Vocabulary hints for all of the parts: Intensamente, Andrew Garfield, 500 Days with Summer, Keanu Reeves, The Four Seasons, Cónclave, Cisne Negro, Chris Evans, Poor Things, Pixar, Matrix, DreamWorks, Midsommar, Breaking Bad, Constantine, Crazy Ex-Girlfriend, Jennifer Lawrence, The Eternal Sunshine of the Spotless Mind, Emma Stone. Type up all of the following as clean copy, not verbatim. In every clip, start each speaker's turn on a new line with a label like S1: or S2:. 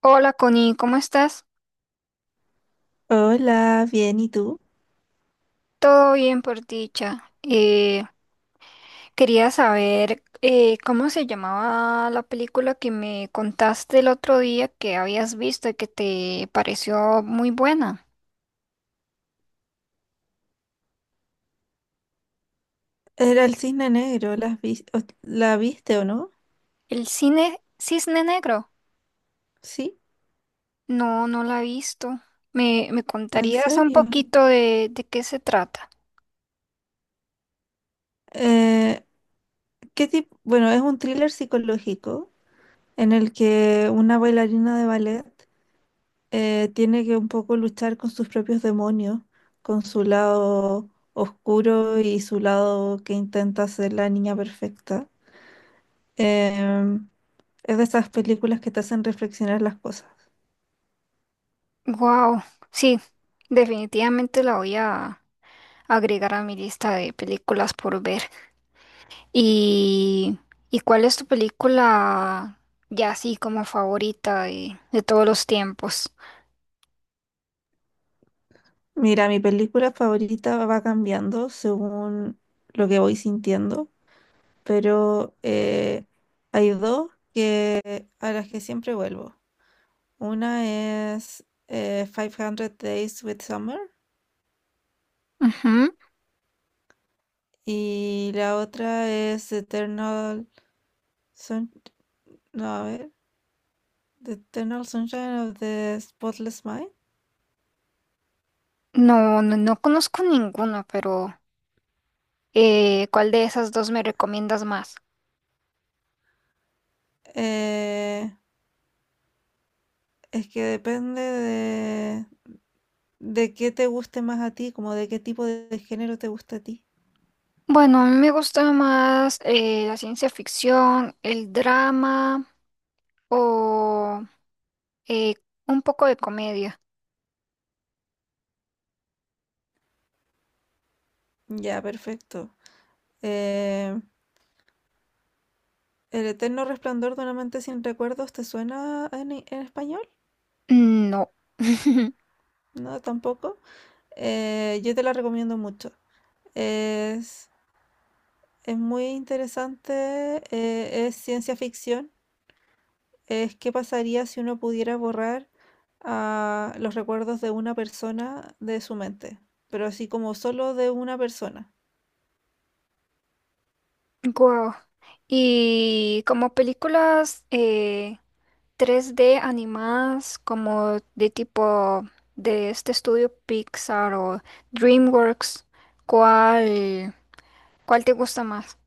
S1: Hola Connie, ¿cómo estás?
S2: Hola, bien, ¿y tú?
S1: Todo bien por dicha. Quería saber cómo se llamaba la película que me contaste el otro día que habías visto y que te pareció muy buena.
S2: Era el cisne negro, ¿la viste o no?
S1: El cine Cisne Negro.
S2: Sí,
S1: No, no la he visto. ¿Me
S2: en
S1: contarías un
S2: serio.
S1: poquito de qué se trata?
S2: Eh, ¿Qué tipo? Bueno, es un thriller psicológico en el que una bailarina de ballet tiene que un poco luchar con sus propios demonios, con su lado oscuro y su lado que intenta ser la niña perfecta. Em, es de esas películas que te hacen reflexionar las cosas.
S1: Wow, sí, definitivamente la voy a agregar a mi lista de películas por ver. ¿Y, ¿y cuál es tu película ya así como favorita de todos los tiempos?
S2: Mira, mi película favorita va cambiando según lo que voy sintiendo, pero hay dos a las que siempre vuelvo. Una es 500 Days with Summer,
S1: Ujú.
S2: y la otra es Eternal Sun- no, a ver, The Eternal Sunshine of the Spotless Mind.
S1: No, no, no conozco ninguna, pero ¿cuál de esas dos me recomiendas más?
S2: Eh, es que depende de qué te guste más a ti, como de qué tipo de género te gusta a ti.
S1: Bueno, a mí me gusta más la ciencia ficción, el drama o eh, un poco de comedia.
S2: Ya, perfecto. Eh, El eterno resplandor de una mente sin recuerdos, ¿te suena en español?
S1: No.
S2: No, tampoco. Yo te la recomiendo mucho. Es, es muy interesante, es ciencia ficción. Es qué pasaría si uno pudiera borrar ah, los recuerdos de una persona de su mente, pero así como solo de una persona.
S1: Guau. Y como películas, 3D animadas como de tipo de este estudio Pixar o DreamWorks, ¿cuál, ¿cuál te gusta más?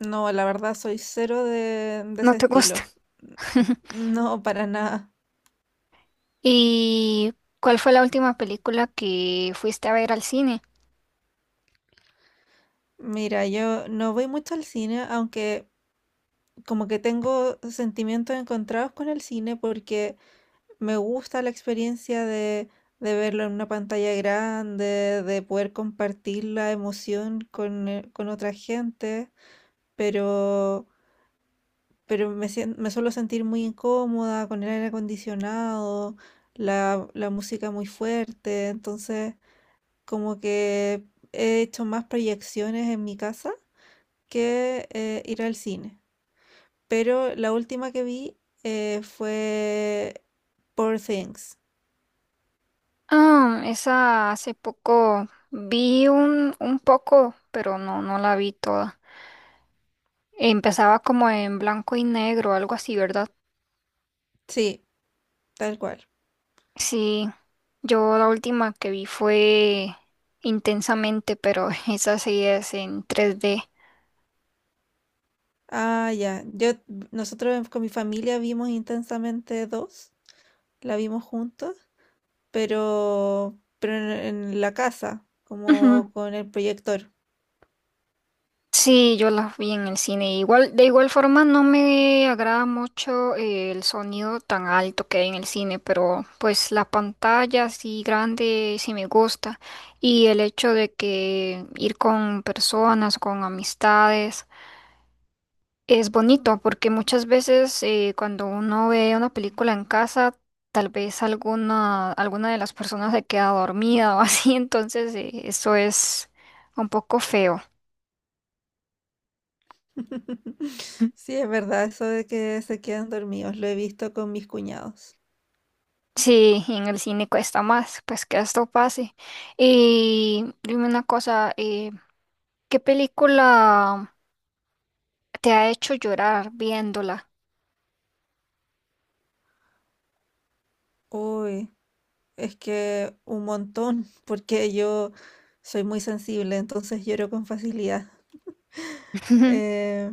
S2: No, la verdad soy cero de
S1: ¿No
S2: ese
S1: te gusta?
S2: estilo. No, para nada.
S1: ¿Y cuál fue la última película que fuiste a ver al cine?
S2: Mira, yo no voy mucho al cine, aunque como que tengo sentimientos encontrados con el cine porque me gusta la experiencia de verlo en una pantalla grande, de poder compartir la emoción con otra gente, pero, pero me suelo sentir muy incómoda con el aire acondicionado, la música muy fuerte, entonces como que he hecho más proyecciones en mi casa que ir al cine. Pero la última que vi fue Poor Things.
S1: Ah, esa hace poco vi un poco, pero no, no la vi toda. Empezaba como en blanco y negro, algo así, ¿verdad?
S2: Sí, tal cual.
S1: Sí, yo la última que vi fue Intensamente, pero esa sí es en 3D.
S2: Ah, ya. Con mi familia vimos intensamente dos. La vimos juntos, pero en la casa,
S1: Ujú.
S2: como con el proyector.
S1: Sí, yo las vi en el cine. Igual, de igual forma no me agrada mucho el sonido tan alto que hay en el cine, pero pues la pantalla así grande sí me gusta. Y el hecho de que ir con personas, con amistades. Es bonito porque muchas veces cuando uno ve una película en casa, tal vez alguna de las personas se queda dormida o así, entonces eso es un poco feo.
S2: Sí, es verdad, eso de que se quedan dormidos. Lo he visto con mis cuñados.
S1: Sí, y en el cine cuesta más, pues que esto pase. Y dime una cosa, ¿qué película te ha hecho llorar viéndola?
S2: Uy, es que un montón, porque yo soy muy sensible, entonces lloro con facilidad. Eh,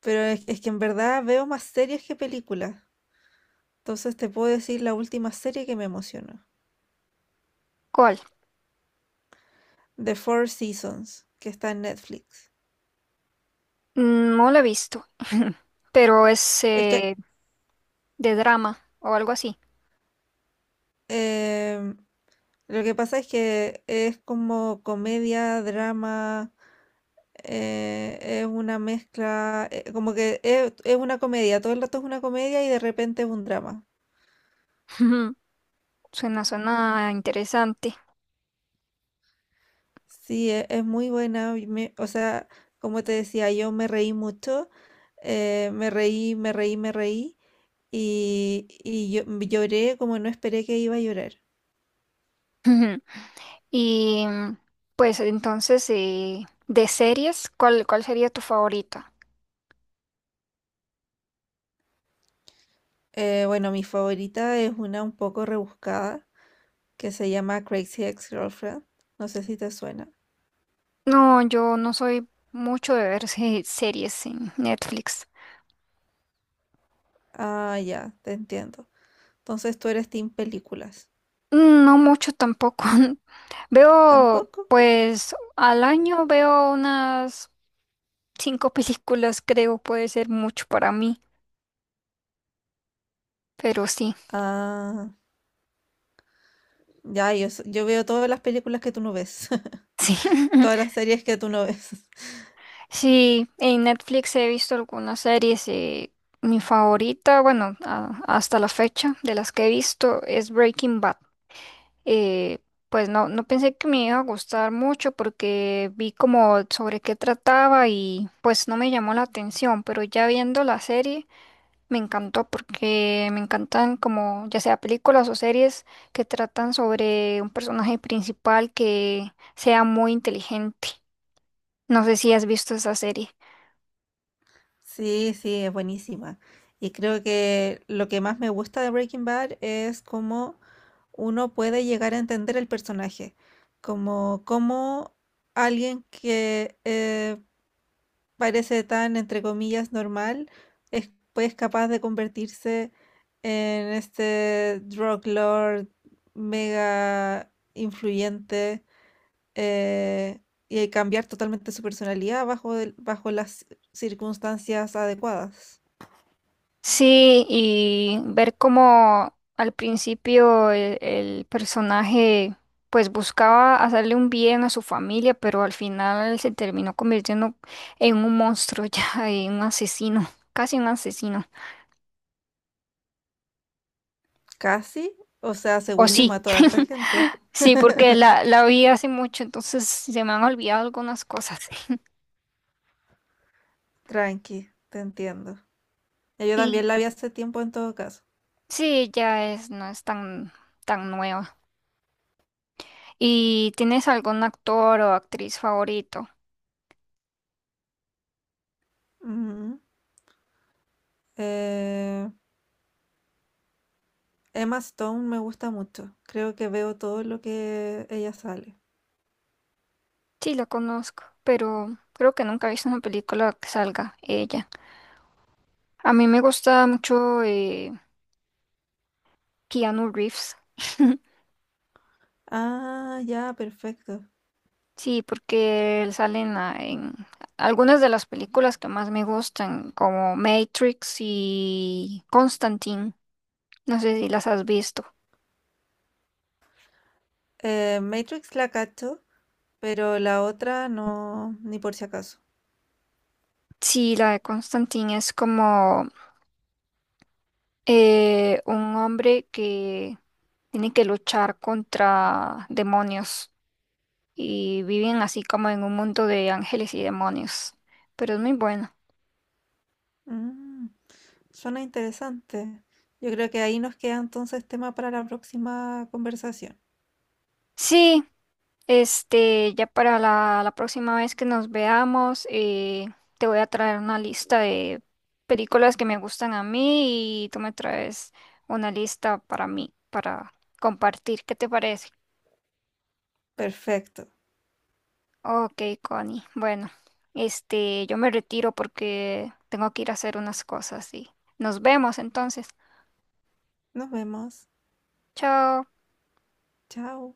S2: pero es que en verdad veo más series que películas. Entonces te puedo decir la última serie que me emocionó.
S1: ¿Cuál?
S2: The Four Seasons, que está en Netflix.
S1: No la he visto, pero es
S2: Es que
S1: de drama o algo así.
S2: eh, lo que pasa es que es como comedia, drama, es una mezcla, como que es una comedia, todo el rato es una comedia y de repente es un drama.
S1: Suena interesante.
S2: Sí, es muy buena. Y o sea, como te decía, yo me reí mucho. Eh, me reí, me reí, me reí. Y yo lloré como no esperé que iba a llorar.
S1: Y mm, pues entonces, de series, ¿cuál sería tu favorita?
S2: Bueno, mi favorita es una un poco rebuscada que se llama Crazy Ex-Girlfriend. No sé si te suena.
S1: No, yo no soy mucho de ver series en Netflix.
S2: Ah, ya, te entiendo. Entonces tú eres team películas.
S1: No mucho tampoco. Veo,
S2: ¿Tampoco?
S1: pues al año veo unas cinco películas, creo, puede ser mucho para mí, pero sí,
S2: Ah, ya, yo veo todas las películas que tú no ves.
S1: sí.
S2: Todas las series que tú no ves.
S1: Sí, en Netflix he visto algunas series. Mi favorita, bueno, hasta la fecha de las que he visto es Breaking Bad. Eh, pues no, no pensé que me iba a gustar mucho porque vi como sobre qué trataba y pues no me llamó la atención, pero ya viendo la serie me encantó porque me encantan como ya sea películas o series que tratan sobre un personaje principal que sea muy inteligente. No sé si has visto esa serie.
S2: Sí, sí, es buenísima. Y creo que lo que más me gusta de Breaking Bad es cómo uno puede llegar a entender el personaje, como cómo alguien que parece tan, entre comillas, normal, es pues capaz de convertirse en este drug lord mega influyente eh, y cambiar totalmente su personalidad bajo las circunstancias adecuadas.
S1: Sí, y ver cómo al principio el personaje pues buscaba hacerle un bien a su familia, pero al final se terminó convirtiendo en un monstruo ya, en un asesino, casi un asesino.
S2: Casi, o sea,
S1: O
S2: según yo
S1: sí,
S2: mato a
S1: sí,
S2: harta
S1: claro.
S2: gente.
S1: Sí, porque la vi hace mucho, entonces se me han olvidado algunas cosas.
S2: Tranqui, te entiendo. Ya, yo
S1: Y
S2: también la vi hace tiempo en todo caso.
S1: sí, ya es, no es tan nueva. ¿Y tienes algún actor o actriz favorito?
S2: Ujú. Eh, Emma Stone me gusta mucho. Creo que veo todo lo que ella sale.
S1: Sí, la conozco, pero creo que nunca he visto una película que salga ella. A mí me gusta mucho Keanu Reeves.
S2: Ah, ya, perfecto.
S1: Sí, porque él sale en, en algunas de las películas que más me gustan, como Matrix y Constantine. No sé si las has visto.
S2: Matrix la cacho, pero la otra no, ni por si acaso.
S1: Sí, la de Constantine es como un hombre que tiene que luchar contra demonios. Y viven así como en un mundo de ángeles y demonios. Pero es muy bueno.
S2: Mm, suena interesante. Yo creo que ahí nos queda entonces tema para la próxima conversación.
S1: Sí, este, ya para la próxima vez que nos veamos, te voy a traer una lista de películas que me gustan a mí y tú me traes una lista para mí, para compartir. ¿Qué te parece?
S2: Perfecto.
S1: Ok, Connie. Bueno, este, yo me retiro porque tengo que ir a hacer unas cosas y nos vemos entonces.
S2: Nos vemos.
S1: Chao.
S2: Chao.